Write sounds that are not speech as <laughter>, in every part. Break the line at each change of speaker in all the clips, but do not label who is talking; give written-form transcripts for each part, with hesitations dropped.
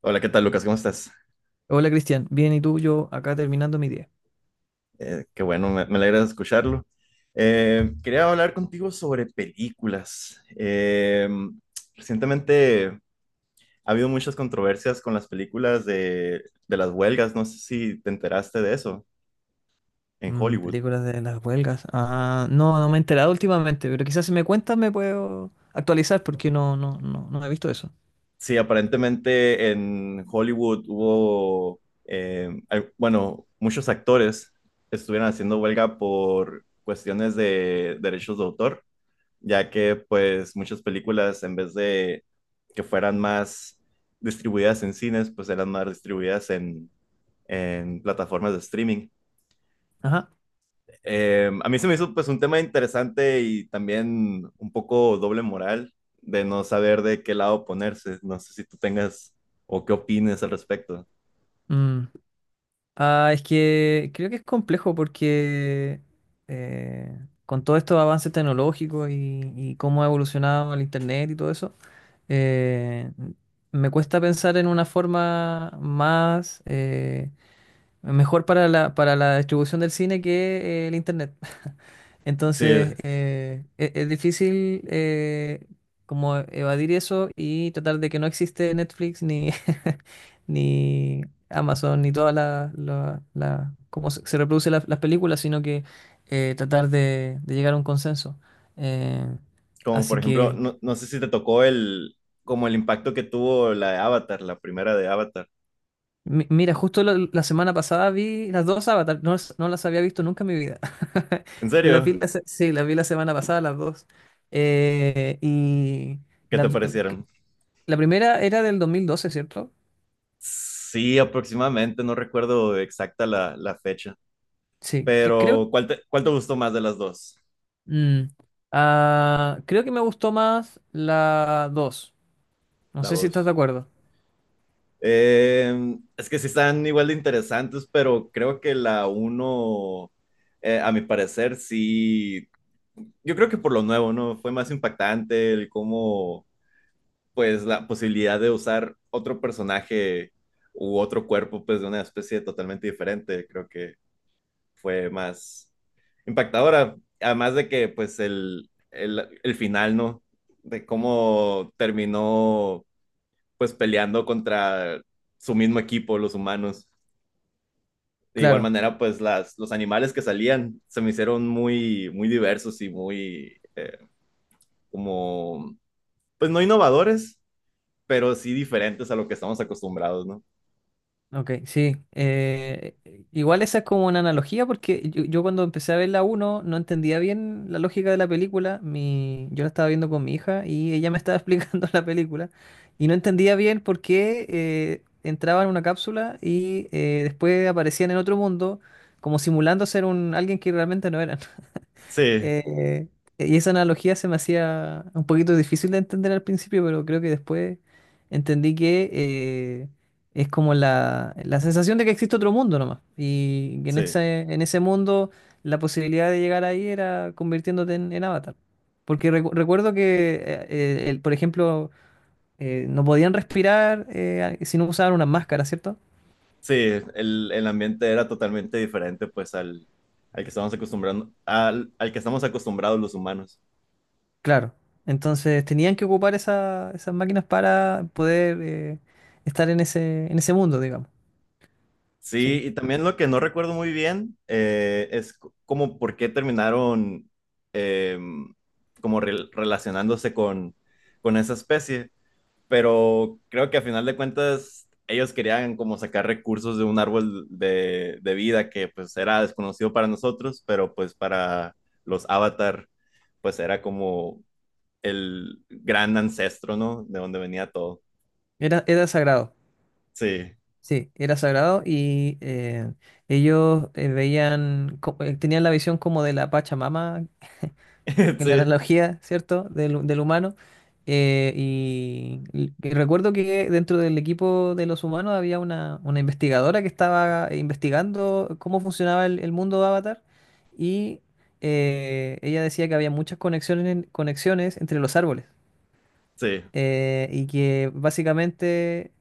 Hola, ¿qué tal, Lucas? ¿Cómo estás?
Hola Cristian, bien y tú, yo acá terminando mi día.
Qué bueno, me alegra escucharlo. Quería hablar contigo sobre películas. Recientemente ha habido muchas controversias con las películas de las huelgas. No sé si te enteraste de eso en
Mm,
Hollywood.
películas de las huelgas. Ah, no me he enterado últimamente, pero quizás si me cuentas me puedo actualizar porque no he visto eso.
Sí, aparentemente en Hollywood hubo, bueno, muchos actores estuvieron haciendo huelga por cuestiones de derechos de autor ya que pues muchas películas en vez de que fueran más distribuidas en cines, pues eran más distribuidas en plataformas de streaming.
Ajá.
A mí se me hizo pues un tema interesante y también un poco doble moral de no saber de qué lado ponerse. No sé si tú tengas o qué opines al respecto.
Mm. Ah, es que creo que es complejo porque eh, con todos estos avances tecnológicos y cómo ha evolucionado el internet y todo eso, eh, me cuesta pensar en una forma más mejor para para la distribución del cine que el internet. <laughs>
Sí,
Entonces, es difícil como evadir eso y tratar de que no existe Netflix ni, <laughs> ni Amazon ni todas las, la- la- cómo se reproduce las películas, sino que tratar de llegar a un consenso. Eh,
como por
así
ejemplo,
que
no, no sé si te tocó como el impacto que tuvo la de Avatar, la primera de Avatar.
Mira, justo la semana pasada vi las dos Avatar, no, no las había visto nunca en mi vida. <laughs>
¿En
Las vi
serio?
sí, las vi la semana pasada, las dos. Y
¿Qué te
la,
parecieron?
la primera era del 2012, ¿cierto?
Sí, aproximadamente, no recuerdo exacta la fecha,
Sí, que creo.
pero ¿cuál cuál te gustó más de las dos?
mm, Creo que me gustó más la dos. No
La
sé si estás de
dos.
acuerdo.
Es que sí están igual de interesantes, pero creo que la uno, a mi parecer, sí, yo creo que por lo nuevo, ¿no? Fue más impactante el cómo, pues, la posibilidad de usar otro personaje u otro cuerpo, pues, de una especie totalmente diferente, creo que fue más impactadora. Además de que, pues, el final, ¿no? De cómo terminó, pues, peleando contra su mismo equipo, los humanos. De igual
Claro.
manera, pues, las, los animales que salían se me hicieron muy, muy diversos y muy, como, pues, no innovadores, pero sí diferentes a lo que estamos acostumbrados, ¿no?
Ok, sí. Igual esa es como una analogía porque yo cuando empecé a ver la uno no entendía bien la lógica de la película. Yo la estaba viendo con mi hija y ella me estaba <laughs> explicando la película y no entendía bien por qué entraban en una cápsula y después aparecían en otro mundo como simulando ser un, alguien que realmente no eran.
Sí,
Eh, y esa analogía se me hacía un poquito difícil de entender al principio, pero creo que después entendí que es como la sensación de que existe otro mundo nomás. Y que en
sí.
en ese mundo la posibilidad de llegar ahí era convirtiéndote en avatar. Porque recuerdo que, por ejemplo, no podían respirar si no usaban una máscara, ¿cierto?
Sí, el ambiente era totalmente diferente pues al que estamos acostumbrando, al que estamos acostumbrados los humanos.
Claro. Entonces tenían que ocupar esas máquinas para poder estar en en ese mundo, digamos.
Sí,
Sí.
y también lo que no recuerdo muy bien es como por qué terminaron eh, como relacionándose con esa especie, pero creo que a final de cuentas ellos querían como sacar recursos de un árbol de vida que pues era desconocido para nosotros, pero pues para los avatar pues era como el gran ancestro, ¿no? De donde venía todo.
Era, era sagrado.
Sí,
Sí, era sagrado y, ellos veían, tenían la visión como de la Pachamama
<laughs>
en la
sí,
analogía, ¿cierto? Del humano. Y recuerdo que dentro del equipo de los humanos había una investigadora que estaba investigando cómo funcionaba el mundo de Avatar y ella decía que había muchas conexiones, conexiones entre los árboles
sí,
y que básicamente,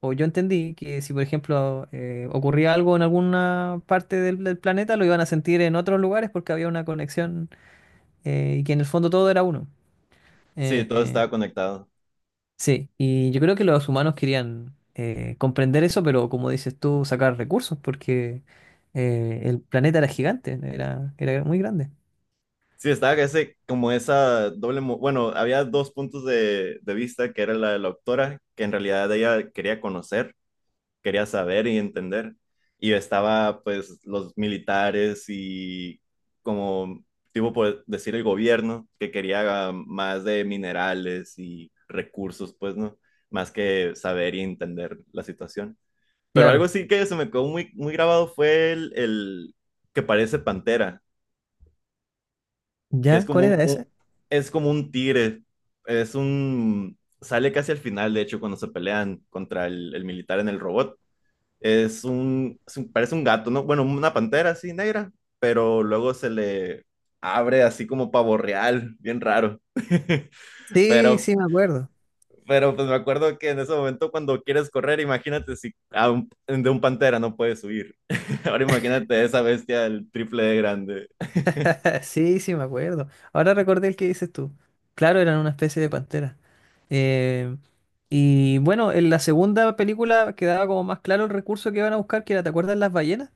o yo entendí que si por ejemplo ocurría algo en alguna parte del planeta, lo iban a sentir en otros lugares porque había una conexión y que en el fondo todo era uno.
sí, todo
Eh,
estaba conectado.
sí, y yo creo que los humanos querían comprender eso, pero como dices tú, sacar recursos, porque el planeta era gigante, era, era muy grande.
Sí, estaba ese, como esa doble, bueno, había dos puntos de vista, que era la de la doctora, que en realidad ella quería conocer, quería saber y entender, y estaba pues los militares y como, tipo por decir el gobierno, que quería ah, más de minerales y recursos, pues, ¿no? Más que saber y entender la situación. Pero algo
Claro.
sí que se me quedó muy, muy grabado fue el que parece pantera, que es
¿Ya?
como
¿Cuál era ese?
es como un tigre, es un, sale casi al final, de hecho, cuando se pelean contra el militar en el robot. Es un, parece un gato, ¿no? Bueno, una pantera así negra, pero luego se le abre así como pavo real, bien raro. <laughs>
Sí,
Pero
sí, me acuerdo.
Pero pues me acuerdo que en ese momento cuando quieres correr, imagínate si a de un pantera no puedes huir. <laughs> Ahora imagínate esa bestia el triple de grande.
<laughs> Sí, sí, me acuerdo. Ahora recordé el que dices tú. Claro, eran una especie de pantera. Eh, y bueno, en la segunda película quedaba como más claro el recurso que iban a buscar, que era, ¿te acuerdas las ballenas?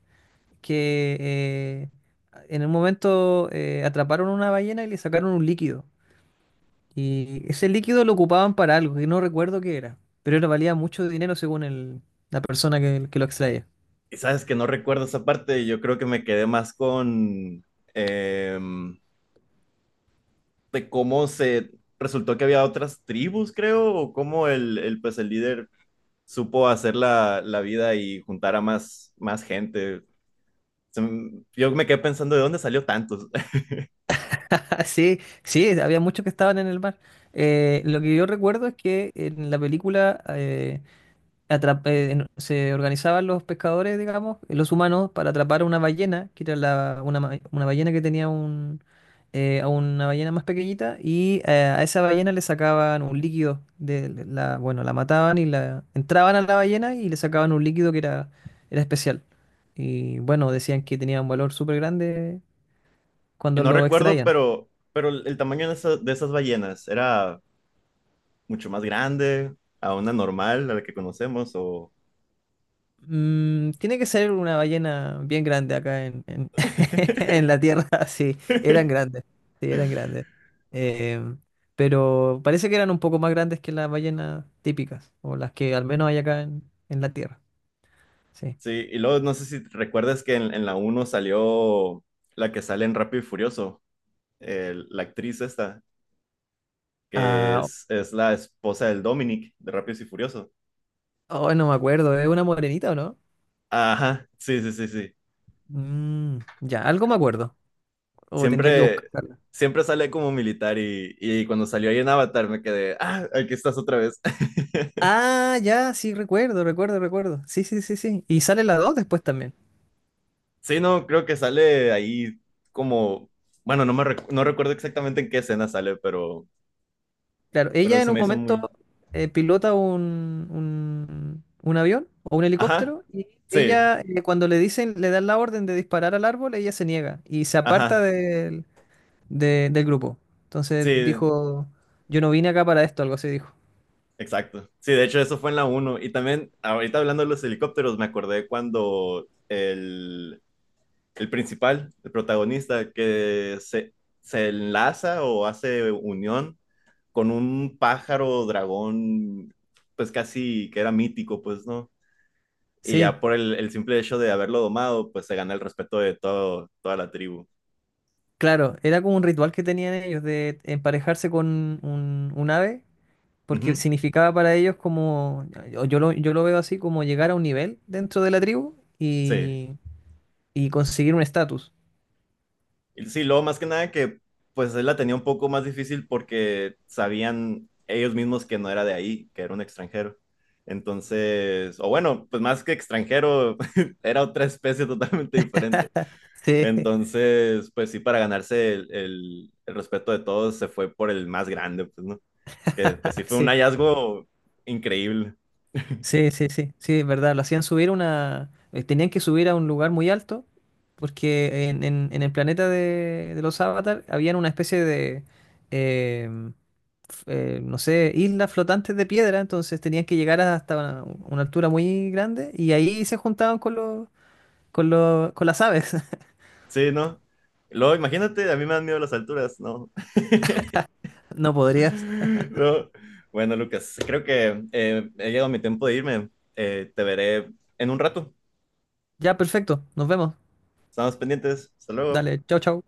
Que en un momento atraparon una ballena y le sacaron un líquido. Y ese líquido lo ocupaban para algo, que no recuerdo qué era, pero era valía mucho dinero según la persona que lo extraía.
Y sabes que no recuerdo esa parte, yo creo que me quedé más con em, de cómo se resultó que había otras tribus, creo, o cómo pues el líder supo hacer la vida y juntar a más, más gente. Yo me quedé pensando de dónde salió tantos. <laughs>
<laughs> Sí, sí, había muchos que estaban en el mar. Lo que yo recuerdo es que en la película se organizaban los pescadores, digamos, los humanos, para atrapar a una ballena, que era una ballena que tenía un, a una ballena más pequeñita, y a esa ballena le sacaban un líquido, de la, bueno, la mataban y la entraban a la ballena y le sacaban un líquido que era, era especial. Y bueno, decían que tenía un valor súper grande
Y
cuando
no
lo
recuerdo,
extraían.
pero el tamaño de de esas ballenas era mucho más grande, a una normal, a la que conocemos, o...
Mm, tiene que ser una ballena bien grande acá <laughs> en
<laughs>
la Tierra, <laughs> sí, eran grandes, sí, eran grandes. Eh, pero parece que eran un poco más grandes que las ballenas típicas, o las que al menos hay acá en la Tierra, sí.
Sí, y luego no sé si recuerdas que en la uno salió la que sale en Rápido y Furioso, la actriz esta, que
Ah,
es la esposa del Dominic de Rápidos y Furioso.
oh, no me acuerdo, ¿es una morenita o no?
Ajá, sí, sí, sí, sí.
Mm, ya, algo me acuerdo, o tendría que
Siempre,
buscarla.
siempre sale como militar y cuando salió ahí en Avatar me quedé, ah, aquí estás otra vez. <laughs>
Ah, ya, sí, recuerdo, recuerdo, recuerdo. Sí, sí, sí, sí. Y sale la 2 después también.
Sí, no, creo que sale ahí como, bueno, no me no recuerdo exactamente en qué escena sale,
Claro,
pero
ella en
se
un
me hizo
momento
muy...
pilota un avión o un
Ajá,
helicóptero y
sí,
ella cuando le dicen, le dan la orden de disparar al árbol, ella se niega y se aparta
ajá,
del grupo. Entonces
sí,
dijo, yo no vine acá para esto, algo así dijo.
exacto. Sí, de hecho eso fue en la uno. Y también, ahorita hablando de los helicópteros, me acordé cuando el principal, el protagonista, se enlaza o hace unión con un pájaro dragón, pues casi que era mítico, pues, ¿no? Y ya
Sí,
por el simple hecho de haberlo domado, pues se gana el respeto de todo, toda la tribu.
claro, era como un ritual que tenían ellos de emparejarse con un ave, porque
Ujú,
significaba para ellos como, yo lo veo así, como llegar a un nivel dentro de la tribu
sí,
y conseguir un estatus.
sí, luego más que nada que pues él la tenía un poco más difícil porque sabían ellos mismos que no era de ahí, que era un extranjero. Entonces, o bueno, pues más que extranjero, <laughs> era otra especie totalmente diferente.
<laughs> Sí.
Entonces, pues sí, para ganarse el respeto de todos, se fue por el más grande, pues, ¿no? Que pues sí fue un
Sí,
hallazgo increíble. <laughs>
sí, es verdad. Lo hacían subir una. Eh, tenían que subir a un lugar muy alto, porque en el planeta de los Avatar habían una especie de. em, f- no sé, islas flotantes de piedra, entonces tenían que llegar hasta una altura muy grande y ahí se juntaban con con las aves. <laughs>
Sí, ¿no? Luego, imagínate, a mí me dan miedo las alturas, ¿no? <laughs>
No podrías.
<laughs> No. Bueno, Lucas, creo que he llegado mi tiempo de irme. Te veré en un rato.
Ya, perfecto, nos vemos.
Estamos pendientes. Hasta luego.
Dale, chao, chao.